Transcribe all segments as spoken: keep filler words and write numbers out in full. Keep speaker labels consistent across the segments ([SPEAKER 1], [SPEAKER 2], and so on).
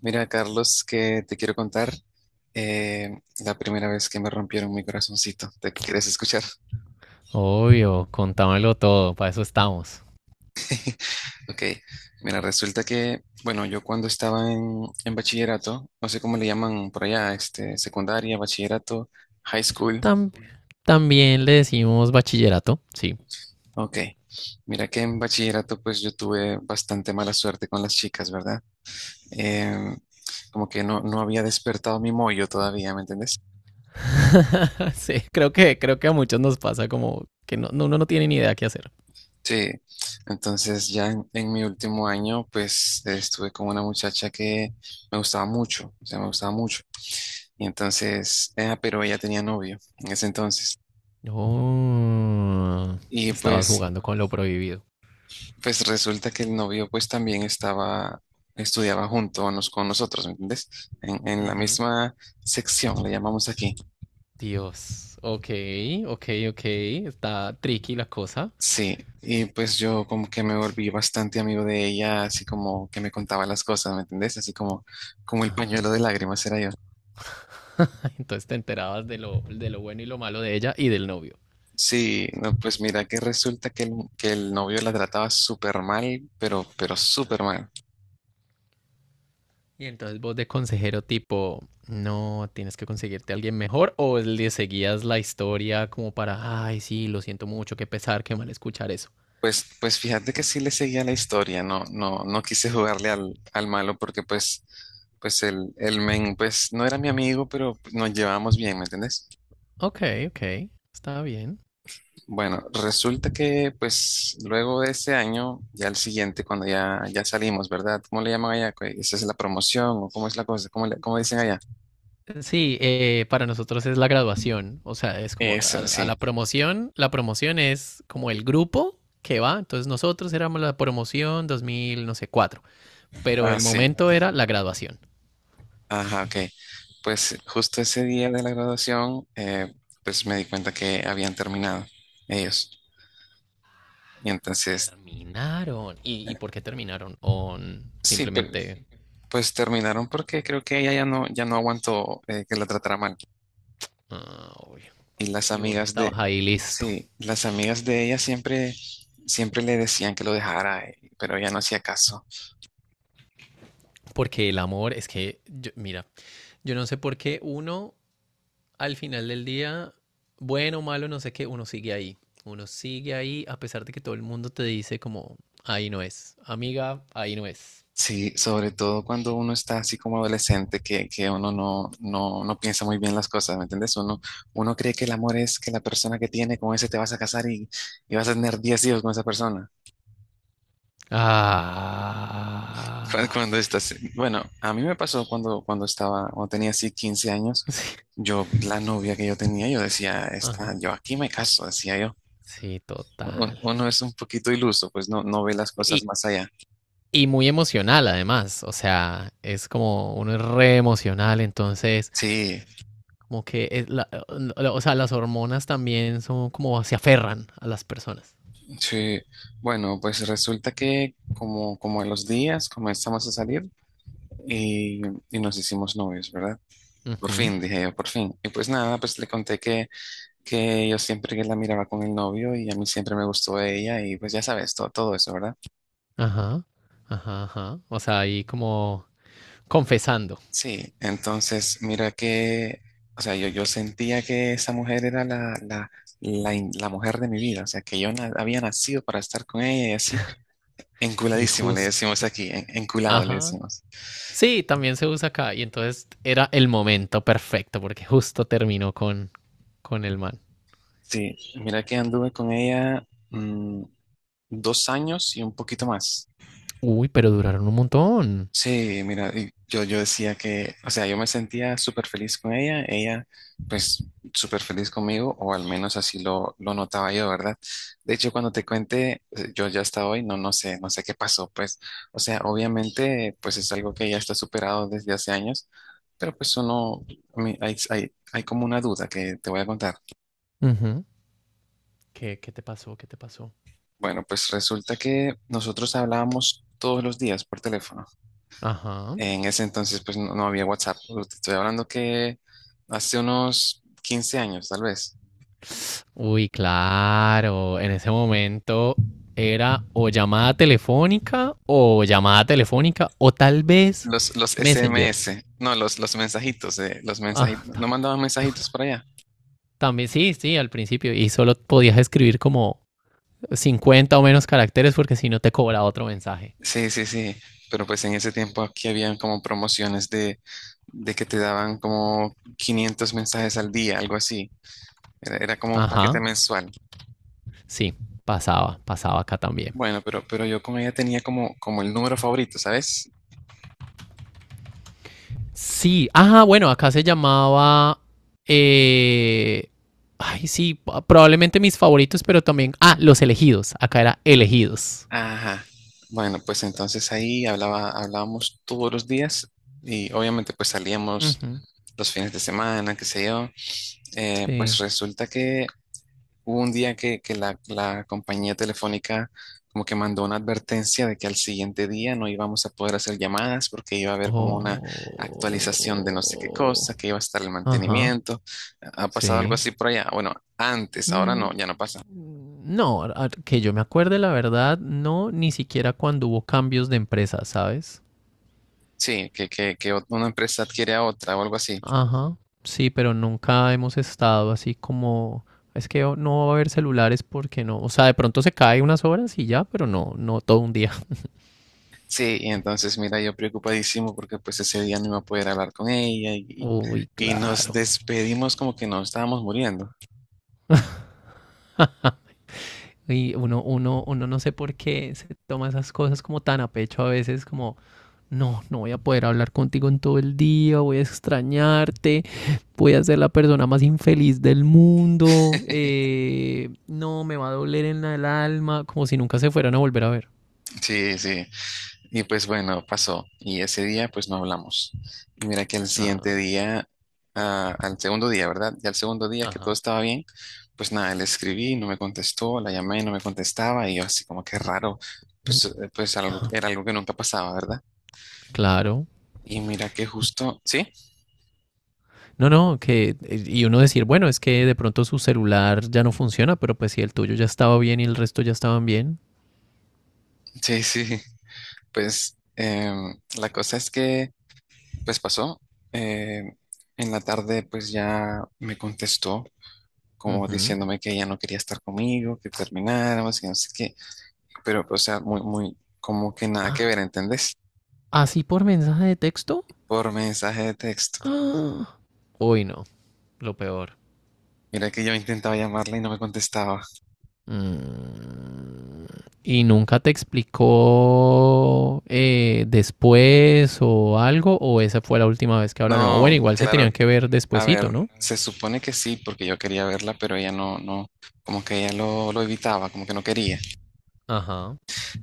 [SPEAKER 1] Mira, Carlos, que te quiero contar eh, la primera vez que me rompieron mi corazoncito. ¿Te quieres escuchar?
[SPEAKER 2] Obvio, contámelo todo, para eso estamos.
[SPEAKER 1] Ok, mira, resulta que, bueno, yo cuando estaba en, en bachillerato, no sé cómo le llaman por allá, este, secundaria, bachillerato, high school.
[SPEAKER 2] Tam- también le decimos bachillerato, sí.
[SPEAKER 1] Ok, mira que en bachillerato pues yo tuve bastante mala suerte con las chicas, ¿verdad? Em, Como que no, no había despertado mi mollo todavía, ¿me entiendes?
[SPEAKER 2] Sí, creo que, creo que a muchos nos pasa como que no, no- uno no tiene ni idea qué hacer.
[SPEAKER 1] Sí, entonces ya en, en mi último año, pues estuve con una muchacha que me gustaba mucho, o sea, me gustaba mucho. Y entonces, eh, pero ella tenía novio en ese entonces.
[SPEAKER 2] Oh,
[SPEAKER 1] Y
[SPEAKER 2] estabas
[SPEAKER 1] pues,
[SPEAKER 2] jugando con lo prohibido.
[SPEAKER 1] pues resulta que el novio pues también estaba, estudiaba junto a nos- con nosotros, ¿me entiendes? En, en la
[SPEAKER 2] Ujú.
[SPEAKER 1] misma sección, le llamamos aquí.
[SPEAKER 2] Dios, ok, ok, ok, está tricky la cosa.
[SPEAKER 1] Sí, y pues yo como que me volví bastante amigo de ella, así como que me contaba las cosas, ¿me entendés? Así como, como el pañuelo de lágrimas era yo.
[SPEAKER 2] Entonces te enterabas de lo, de lo bueno y lo malo de ella y del novio.
[SPEAKER 1] Sí, no, pues mira que resulta que el, que el novio la trataba súper mal, pero, pero súper mal.
[SPEAKER 2] Y entonces vos de consejero tipo, no, tienes que conseguirte a alguien mejor, o le seguías la historia como para, ay, sí, lo siento mucho, qué pesar, qué mal escuchar eso.
[SPEAKER 1] Pues, pues fíjate que sí le seguía la historia, no, no, no quise jugarle al, al malo porque pues, pues el, el men, pues no era mi amigo, pero nos llevábamos bien, ¿me entiendes?
[SPEAKER 2] Ok, ok, está bien.
[SPEAKER 1] Bueno, resulta que pues luego de ese año, ya el siguiente, cuando ya, ya salimos, ¿verdad? ¿Cómo le llaman allá? ¿Esa es la promoción o cómo es la cosa? ¿Cómo le, cómo dicen allá?
[SPEAKER 2] Sí, eh, para nosotros es la graduación, o sea, es como a,
[SPEAKER 1] Eso,
[SPEAKER 2] a la
[SPEAKER 1] sí,
[SPEAKER 2] promoción. La promoción es como el grupo que va, entonces nosotros éramos la promoción dos mil, no sé, cuatro, pero
[SPEAKER 1] ah
[SPEAKER 2] el
[SPEAKER 1] sí.
[SPEAKER 2] momento era la graduación.
[SPEAKER 1] Ajá, ok. Pues justo ese día de la graduación, eh, pues me di cuenta que habían terminado ellos. Y entonces,
[SPEAKER 2] Terminaron. ¿Y, y por qué terminaron? ¿O
[SPEAKER 1] sí, pe-
[SPEAKER 2] simplemente...
[SPEAKER 1] pues, terminaron porque creo que ella ya no, ya no aguantó eh, que la tratara mal.
[SPEAKER 2] Ah, obvio.
[SPEAKER 1] Y las
[SPEAKER 2] Y vos
[SPEAKER 1] amigas
[SPEAKER 2] estabas
[SPEAKER 1] de,
[SPEAKER 2] ahí listo.
[SPEAKER 1] sí, las amigas de ella siempre, siempre le decían que lo dejara, eh, pero ella no hacía caso.
[SPEAKER 2] Porque el amor es que, yo- mira, yo no sé por qué uno al final del día, bueno, malo, no sé qué, uno sigue ahí. Uno sigue ahí a pesar de que todo el mundo te dice como, ahí no es. Amiga, ahí no es.
[SPEAKER 1] Sí, sobre todo cuando uno está así como adolescente, que, que uno no, no, no piensa muy bien las cosas, ¿me entiendes? Uno, uno cree que el amor es que la persona que tiene con ese te vas a casar y, y vas a tener diez hijos con esa persona. Cu-
[SPEAKER 2] Ah.
[SPEAKER 1] Cuando, estás, bueno, a mí me pasó cuando, cuando estaba, cuando tenía así quince años,
[SPEAKER 2] Sí.
[SPEAKER 1] yo, la novia que yo tenía, yo decía, esta,
[SPEAKER 2] Ajá.
[SPEAKER 1] yo aquí me caso, decía yo.
[SPEAKER 2] Sí,
[SPEAKER 1] Un-
[SPEAKER 2] total.
[SPEAKER 1] Uno es un poquito iluso, pues no, no ve las cosas
[SPEAKER 2] Y,
[SPEAKER 1] más allá.
[SPEAKER 2] y muy emocional además. O sea, es como uno es re emocional, entonces...
[SPEAKER 1] Sí,
[SPEAKER 2] Como que, es la- la- o sea, las hormonas también son como se aferran a las personas.
[SPEAKER 1] sí, bueno, pues resulta que como, como a los días comenzamos a salir y, y nos hicimos novios, ¿verdad? Por
[SPEAKER 2] Ujú.
[SPEAKER 1] fin, dije yo, por fin. Y pues nada, pues le conté que, que, yo siempre que la miraba con el novio y a mí siempre me gustó ella y pues ya sabes, todo, todo eso, ¿verdad?
[SPEAKER 2] Ajá, ajá, ajá. O sea, ahí como confesando.
[SPEAKER 1] Sí, entonces mira que, o sea, yo, yo sentía que esa mujer era la, la, la, in- la mujer de mi vida, o sea, que yo na- había nacido para estar con ella y así,
[SPEAKER 2] Y
[SPEAKER 1] enculadísimo le
[SPEAKER 2] justo.
[SPEAKER 1] decimos aquí, en- enculado le
[SPEAKER 2] Ajá.
[SPEAKER 1] decimos.
[SPEAKER 2] Sí, también se usa acá. Y entonces era el momento perfecto porque justo terminó con, con el man.
[SPEAKER 1] Sí, mira que anduve con ella mm, dos años y un poquito más.
[SPEAKER 2] Uy, pero duraron un montón.
[SPEAKER 1] Sí, mira, y yo, yo decía que, o sea, yo me sentía súper feliz con ella, ella pues súper feliz conmigo, o al menos así lo, lo notaba yo, ¿verdad? De hecho, cuando te cuente, eh, yo ya hasta hoy, no, no sé, no sé qué pasó, pues, o sea, obviamente, pues es algo que ya está superado desde hace años, pero pues uno, a mí hay, hay, hay como una duda que te voy a contar.
[SPEAKER 2] Ujú. ¿Qué, qué te pasó? ¿Qué te pasó?
[SPEAKER 1] Bueno, pues resulta que nosotros hablábamos todos los días por teléfono.
[SPEAKER 2] Ajá.
[SPEAKER 1] En ese entonces, pues no, no había WhatsApp. Te estoy hablando que hace unos quince años, tal vez.
[SPEAKER 2] Uy, claro, en ese momento era o llamada telefónica o llamada telefónica o tal vez
[SPEAKER 1] Los, los
[SPEAKER 2] Messenger.
[SPEAKER 1] S M S, no, los, los mensajitos, eh, los
[SPEAKER 2] Ah,
[SPEAKER 1] mensajitos. No mandaban mensajitos para allá.
[SPEAKER 2] también sí, sí, al principio, y solo podías escribir como cincuenta o menos caracteres porque si no te cobraba otro mensaje.
[SPEAKER 1] Sí, sí, sí. Pero pues en ese tiempo aquí habían como promociones de, de, que te daban como quinientos mensajes al día, algo así. Era, era como un
[SPEAKER 2] Ajá,
[SPEAKER 1] paquete mensual.
[SPEAKER 2] sí, pasaba, pasaba acá también.
[SPEAKER 1] Bueno, pero, pero yo con ella tenía como, como el número favorito, ¿sabes?
[SPEAKER 2] Sí, ajá, bueno, acá se llamaba eh, ay, sí, pa- probablemente mis favoritos, pero también ah, los elegidos, acá era elegidos.
[SPEAKER 1] Ajá. Bueno, pues entonces ahí hablaba, hablábamos todos los días y obviamente pues salíamos
[SPEAKER 2] Ujú.
[SPEAKER 1] los fines de semana, qué sé yo. Eh, pues
[SPEAKER 2] Sí.
[SPEAKER 1] resulta que hubo un día que, que la, la compañía telefónica como que mandó una advertencia de que al siguiente día no íbamos a poder hacer llamadas porque iba a haber como una actualización de no sé qué cosa,
[SPEAKER 2] Oh.
[SPEAKER 1] que iba a estar el
[SPEAKER 2] Ajá.
[SPEAKER 1] mantenimiento. ¿Ha pasado algo
[SPEAKER 2] Sí.
[SPEAKER 1] así por allá? Bueno, antes, ahora
[SPEAKER 2] Mm,
[SPEAKER 1] no, ya no pasa.
[SPEAKER 2] no, a- a- que yo me acuerde, la verdad, no, ni siquiera cuando hubo cambios de empresa, ¿sabes?
[SPEAKER 1] Sí, que, que, que una empresa adquiere a otra o algo así.
[SPEAKER 2] Ajá. Sí, pero nunca hemos estado así como. Es que no va a haber celulares porque no. O sea, de pronto se cae unas horas y ya, pero no, no todo un día.
[SPEAKER 1] Sí, y entonces, mira, yo preocupadísimo porque pues ese día no iba a poder hablar con ella y,
[SPEAKER 2] Uy,
[SPEAKER 1] y nos
[SPEAKER 2] claro.
[SPEAKER 1] despedimos como que nos estábamos muriendo.
[SPEAKER 2] Y uno, uno, uno no sé por qué se toma esas cosas como tan a pecho a veces, como. No, no voy a poder hablar contigo en todo el día, voy a extrañarte, voy a ser la persona más infeliz del mundo, eh, no, me va a doler en el alma, como si nunca se fueran a volver a ver.
[SPEAKER 1] Sí, sí. Y pues bueno, pasó. Y ese día pues no hablamos. Y mira que al siguiente
[SPEAKER 2] Ah,
[SPEAKER 1] día, ah, al segundo día, ¿verdad? Y al segundo día que todo
[SPEAKER 2] ajá.
[SPEAKER 1] estaba bien, pues nada, le escribí, no me contestó, la llamé, no me contestaba y yo así como que raro, pues, eh, pues algo,
[SPEAKER 2] Ah,
[SPEAKER 1] era algo que nunca pasaba, ¿verdad?
[SPEAKER 2] claro.
[SPEAKER 1] Y mira que justo, sí,
[SPEAKER 2] No, no, que y uno decir, bueno, es que de pronto su celular ya no funciona, pero pues si el tuyo ya estaba bien y el resto ya estaban bien.
[SPEAKER 1] sí, sí. Pues em, la cosa es que, pues pasó. em, en la tarde, pues ya me contestó, como
[SPEAKER 2] Ujú.
[SPEAKER 1] diciéndome que ella no quería estar conmigo, que termináramos y no sé qué. Pero, pues, o sea, muy, muy, como que nada que
[SPEAKER 2] Ah,
[SPEAKER 1] ver, ¿entendés?
[SPEAKER 2] ¿así por mensaje de texto?
[SPEAKER 1] Por mensaje de texto.
[SPEAKER 2] Ah. Uy, no, lo peor.
[SPEAKER 1] Mira que yo intentaba llamarla y no me contestaba.
[SPEAKER 2] Mm, ¿y nunca te explicó eh, después o algo? ¿O esa fue la última vez que hablaron? O bueno,
[SPEAKER 1] No,
[SPEAKER 2] igual se
[SPEAKER 1] claro.
[SPEAKER 2] tenían que ver
[SPEAKER 1] A ver,
[SPEAKER 2] despuesito, ¿no?
[SPEAKER 1] se supone que sí, porque yo quería verla, pero ella no, no, como que ella lo, lo evitaba, como que no quería.
[SPEAKER 2] Ajá.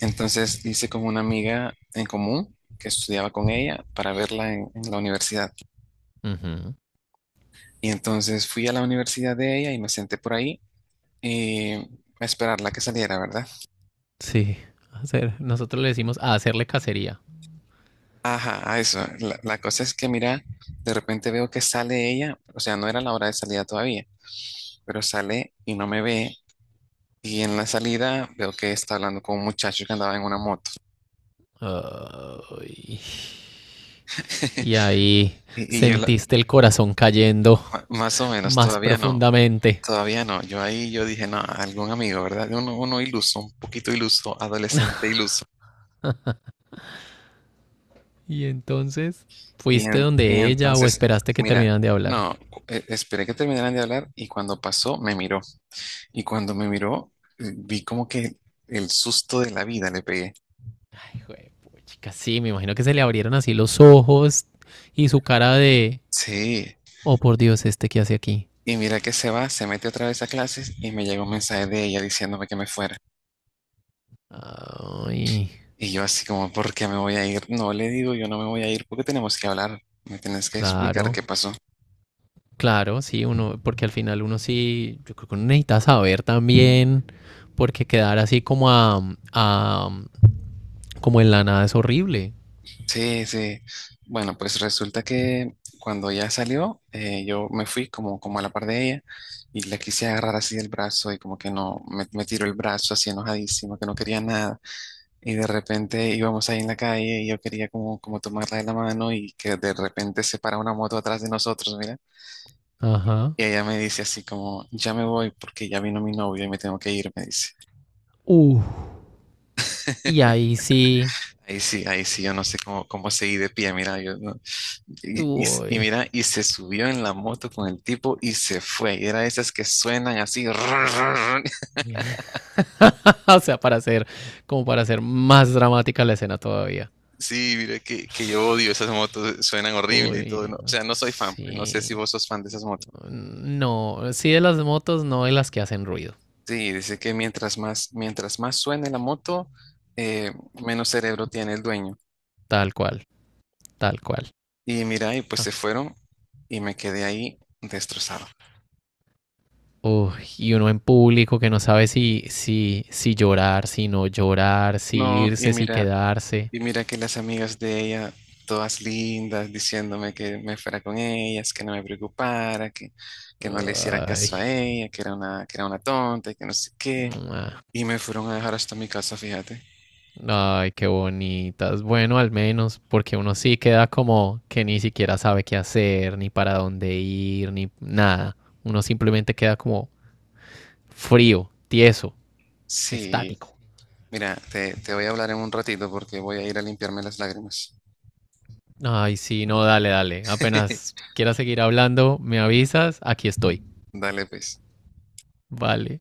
[SPEAKER 1] Entonces hice como una amiga en común que estudiaba con ella para verla en, en la universidad.
[SPEAKER 2] Ujú.
[SPEAKER 1] Y entonces fui a la universidad de ella y me senté por ahí y a esperarla que saliera, ¿verdad?
[SPEAKER 2] Sí, hacer, nosotros le decimos a hacerle cacería.
[SPEAKER 1] Ajá, a eso. La, la cosa es que, mira, de repente veo que sale ella, o sea, no era la hora de salida todavía, pero sale y no me ve. Y en la salida veo que está hablando con un muchacho que andaba en una moto.
[SPEAKER 2] Ay. Y ahí
[SPEAKER 1] Y, y yo, la-
[SPEAKER 2] sentiste el corazón cayendo
[SPEAKER 1] ma- Más o menos,
[SPEAKER 2] más
[SPEAKER 1] todavía no.
[SPEAKER 2] profundamente.
[SPEAKER 1] Todavía no, yo ahí yo dije, no, algún amigo, ¿verdad? Uno, uno iluso, un poquito iluso, adolescente iluso.
[SPEAKER 2] Y entonces,
[SPEAKER 1] Y,
[SPEAKER 2] ¿fuiste
[SPEAKER 1] en- y
[SPEAKER 2] donde ella o
[SPEAKER 1] entonces,
[SPEAKER 2] esperaste que
[SPEAKER 1] mira,
[SPEAKER 2] terminaran de hablar?
[SPEAKER 1] no, cu- e- esperé que terminaran de hablar y cuando pasó me miró. Y cuando me miró, eh, vi como que el susto de la vida le pegué.
[SPEAKER 2] Hijo de puchica, sí, me imagino que se le abrieron así los ojos y su cara de,
[SPEAKER 1] Sí,
[SPEAKER 2] oh por Dios, este que hace aquí.
[SPEAKER 1] y mira que se va, se mete otra vez a clases y me llega un mensaje de ella diciéndome que me fuera.
[SPEAKER 2] Ay,
[SPEAKER 1] Y yo así como, ¿por qué me voy a ir? No le digo, yo no me voy a ir porque tenemos que hablar. Me tienes que explicar
[SPEAKER 2] claro,
[SPEAKER 1] qué pasó.
[SPEAKER 2] claro, sí, uno, porque al final uno sí, yo creo que uno necesita saber también, porque quedar así como a, a- como en la nada es horrible.
[SPEAKER 1] Sí, sí. Bueno, pues resulta que cuando ya salió, eh, yo me fui como, como a la par de ella y la quise agarrar así del brazo y como que no, me, me tiró el brazo así enojadísimo, que no quería nada. Y de repente íbamos ahí en la calle y yo quería como, como tomarla de la mano y que de repente se para una moto atrás de nosotros, mira.
[SPEAKER 2] Ajá.
[SPEAKER 1] Y ella me dice así como, ya me voy porque ya vino mi novio y me tengo que ir, me dice.
[SPEAKER 2] Uh, y ahí sí,
[SPEAKER 1] Ahí sí, ahí sí, yo no sé cómo, cómo seguí de pie, mira, yo no. Y, y, y
[SPEAKER 2] uy.
[SPEAKER 1] mira, y se subió en la moto con el tipo y se fue. Y era esas que suenan así.
[SPEAKER 2] O sea, para hacer, como para hacer más dramática la escena todavía.
[SPEAKER 1] Sí, mira, que, que yo odio esas motos, suenan horrible y todo. ¿No?
[SPEAKER 2] Uy,
[SPEAKER 1] O sea, no soy fan, pues, no sé si
[SPEAKER 2] sí.
[SPEAKER 1] vos sos fan de esas motos.
[SPEAKER 2] Mm, no, sí de las motos, no de las que hacen ruido.
[SPEAKER 1] Sí, dice que mientras más, mientras más suene la moto, eh, menos cerebro tiene el dueño.
[SPEAKER 2] Tal cual, tal cual.
[SPEAKER 1] Y mira, y pues
[SPEAKER 2] Ah,
[SPEAKER 1] se fueron y me quedé ahí destrozado.
[SPEAKER 2] uy, y uno en público que no sabe si, si, si llorar, si no llorar, si
[SPEAKER 1] No, y
[SPEAKER 2] irse, si
[SPEAKER 1] mira.
[SPEAKER 2] quedarse.
[SPEAKER 1] Y mira que las amigas de ella, todas lindas, diciéndome que me fuera con ellas, que no me preocupara, que, que no le hiciera
[SPEAKER 2] Ay,
[SPEAKER 1] caso a ella, que era una, que era una tonta y que no sé qué.
[SPEAKER 2] mua.
[SPEAKER 1] Y me fueron a dejar hasta mi casa, fíjate.
[SPEAKER 2] Ay, qué bonitas. Bueno, al menos, porque uno sí queda como que ni siquiera sabe qué hacer, ni para dónde ir, ni nada. Uno simplemente queda como frío, tieso,
[SPEAKER 1] Sí,
[SPEAKER 2] estático.
[SPEAKER 1] mira, te, te voy a hablar en un ratito porque voy a ir a limpiarme las lágrimas.
[SPEAKER 2] Ay, sí, no, dale, dale. Apenas quieras seguir hablando, me avisas, aquí estoy.
[SPEAKER 1] Dale, pues.
[SPEAKER 2] Vale.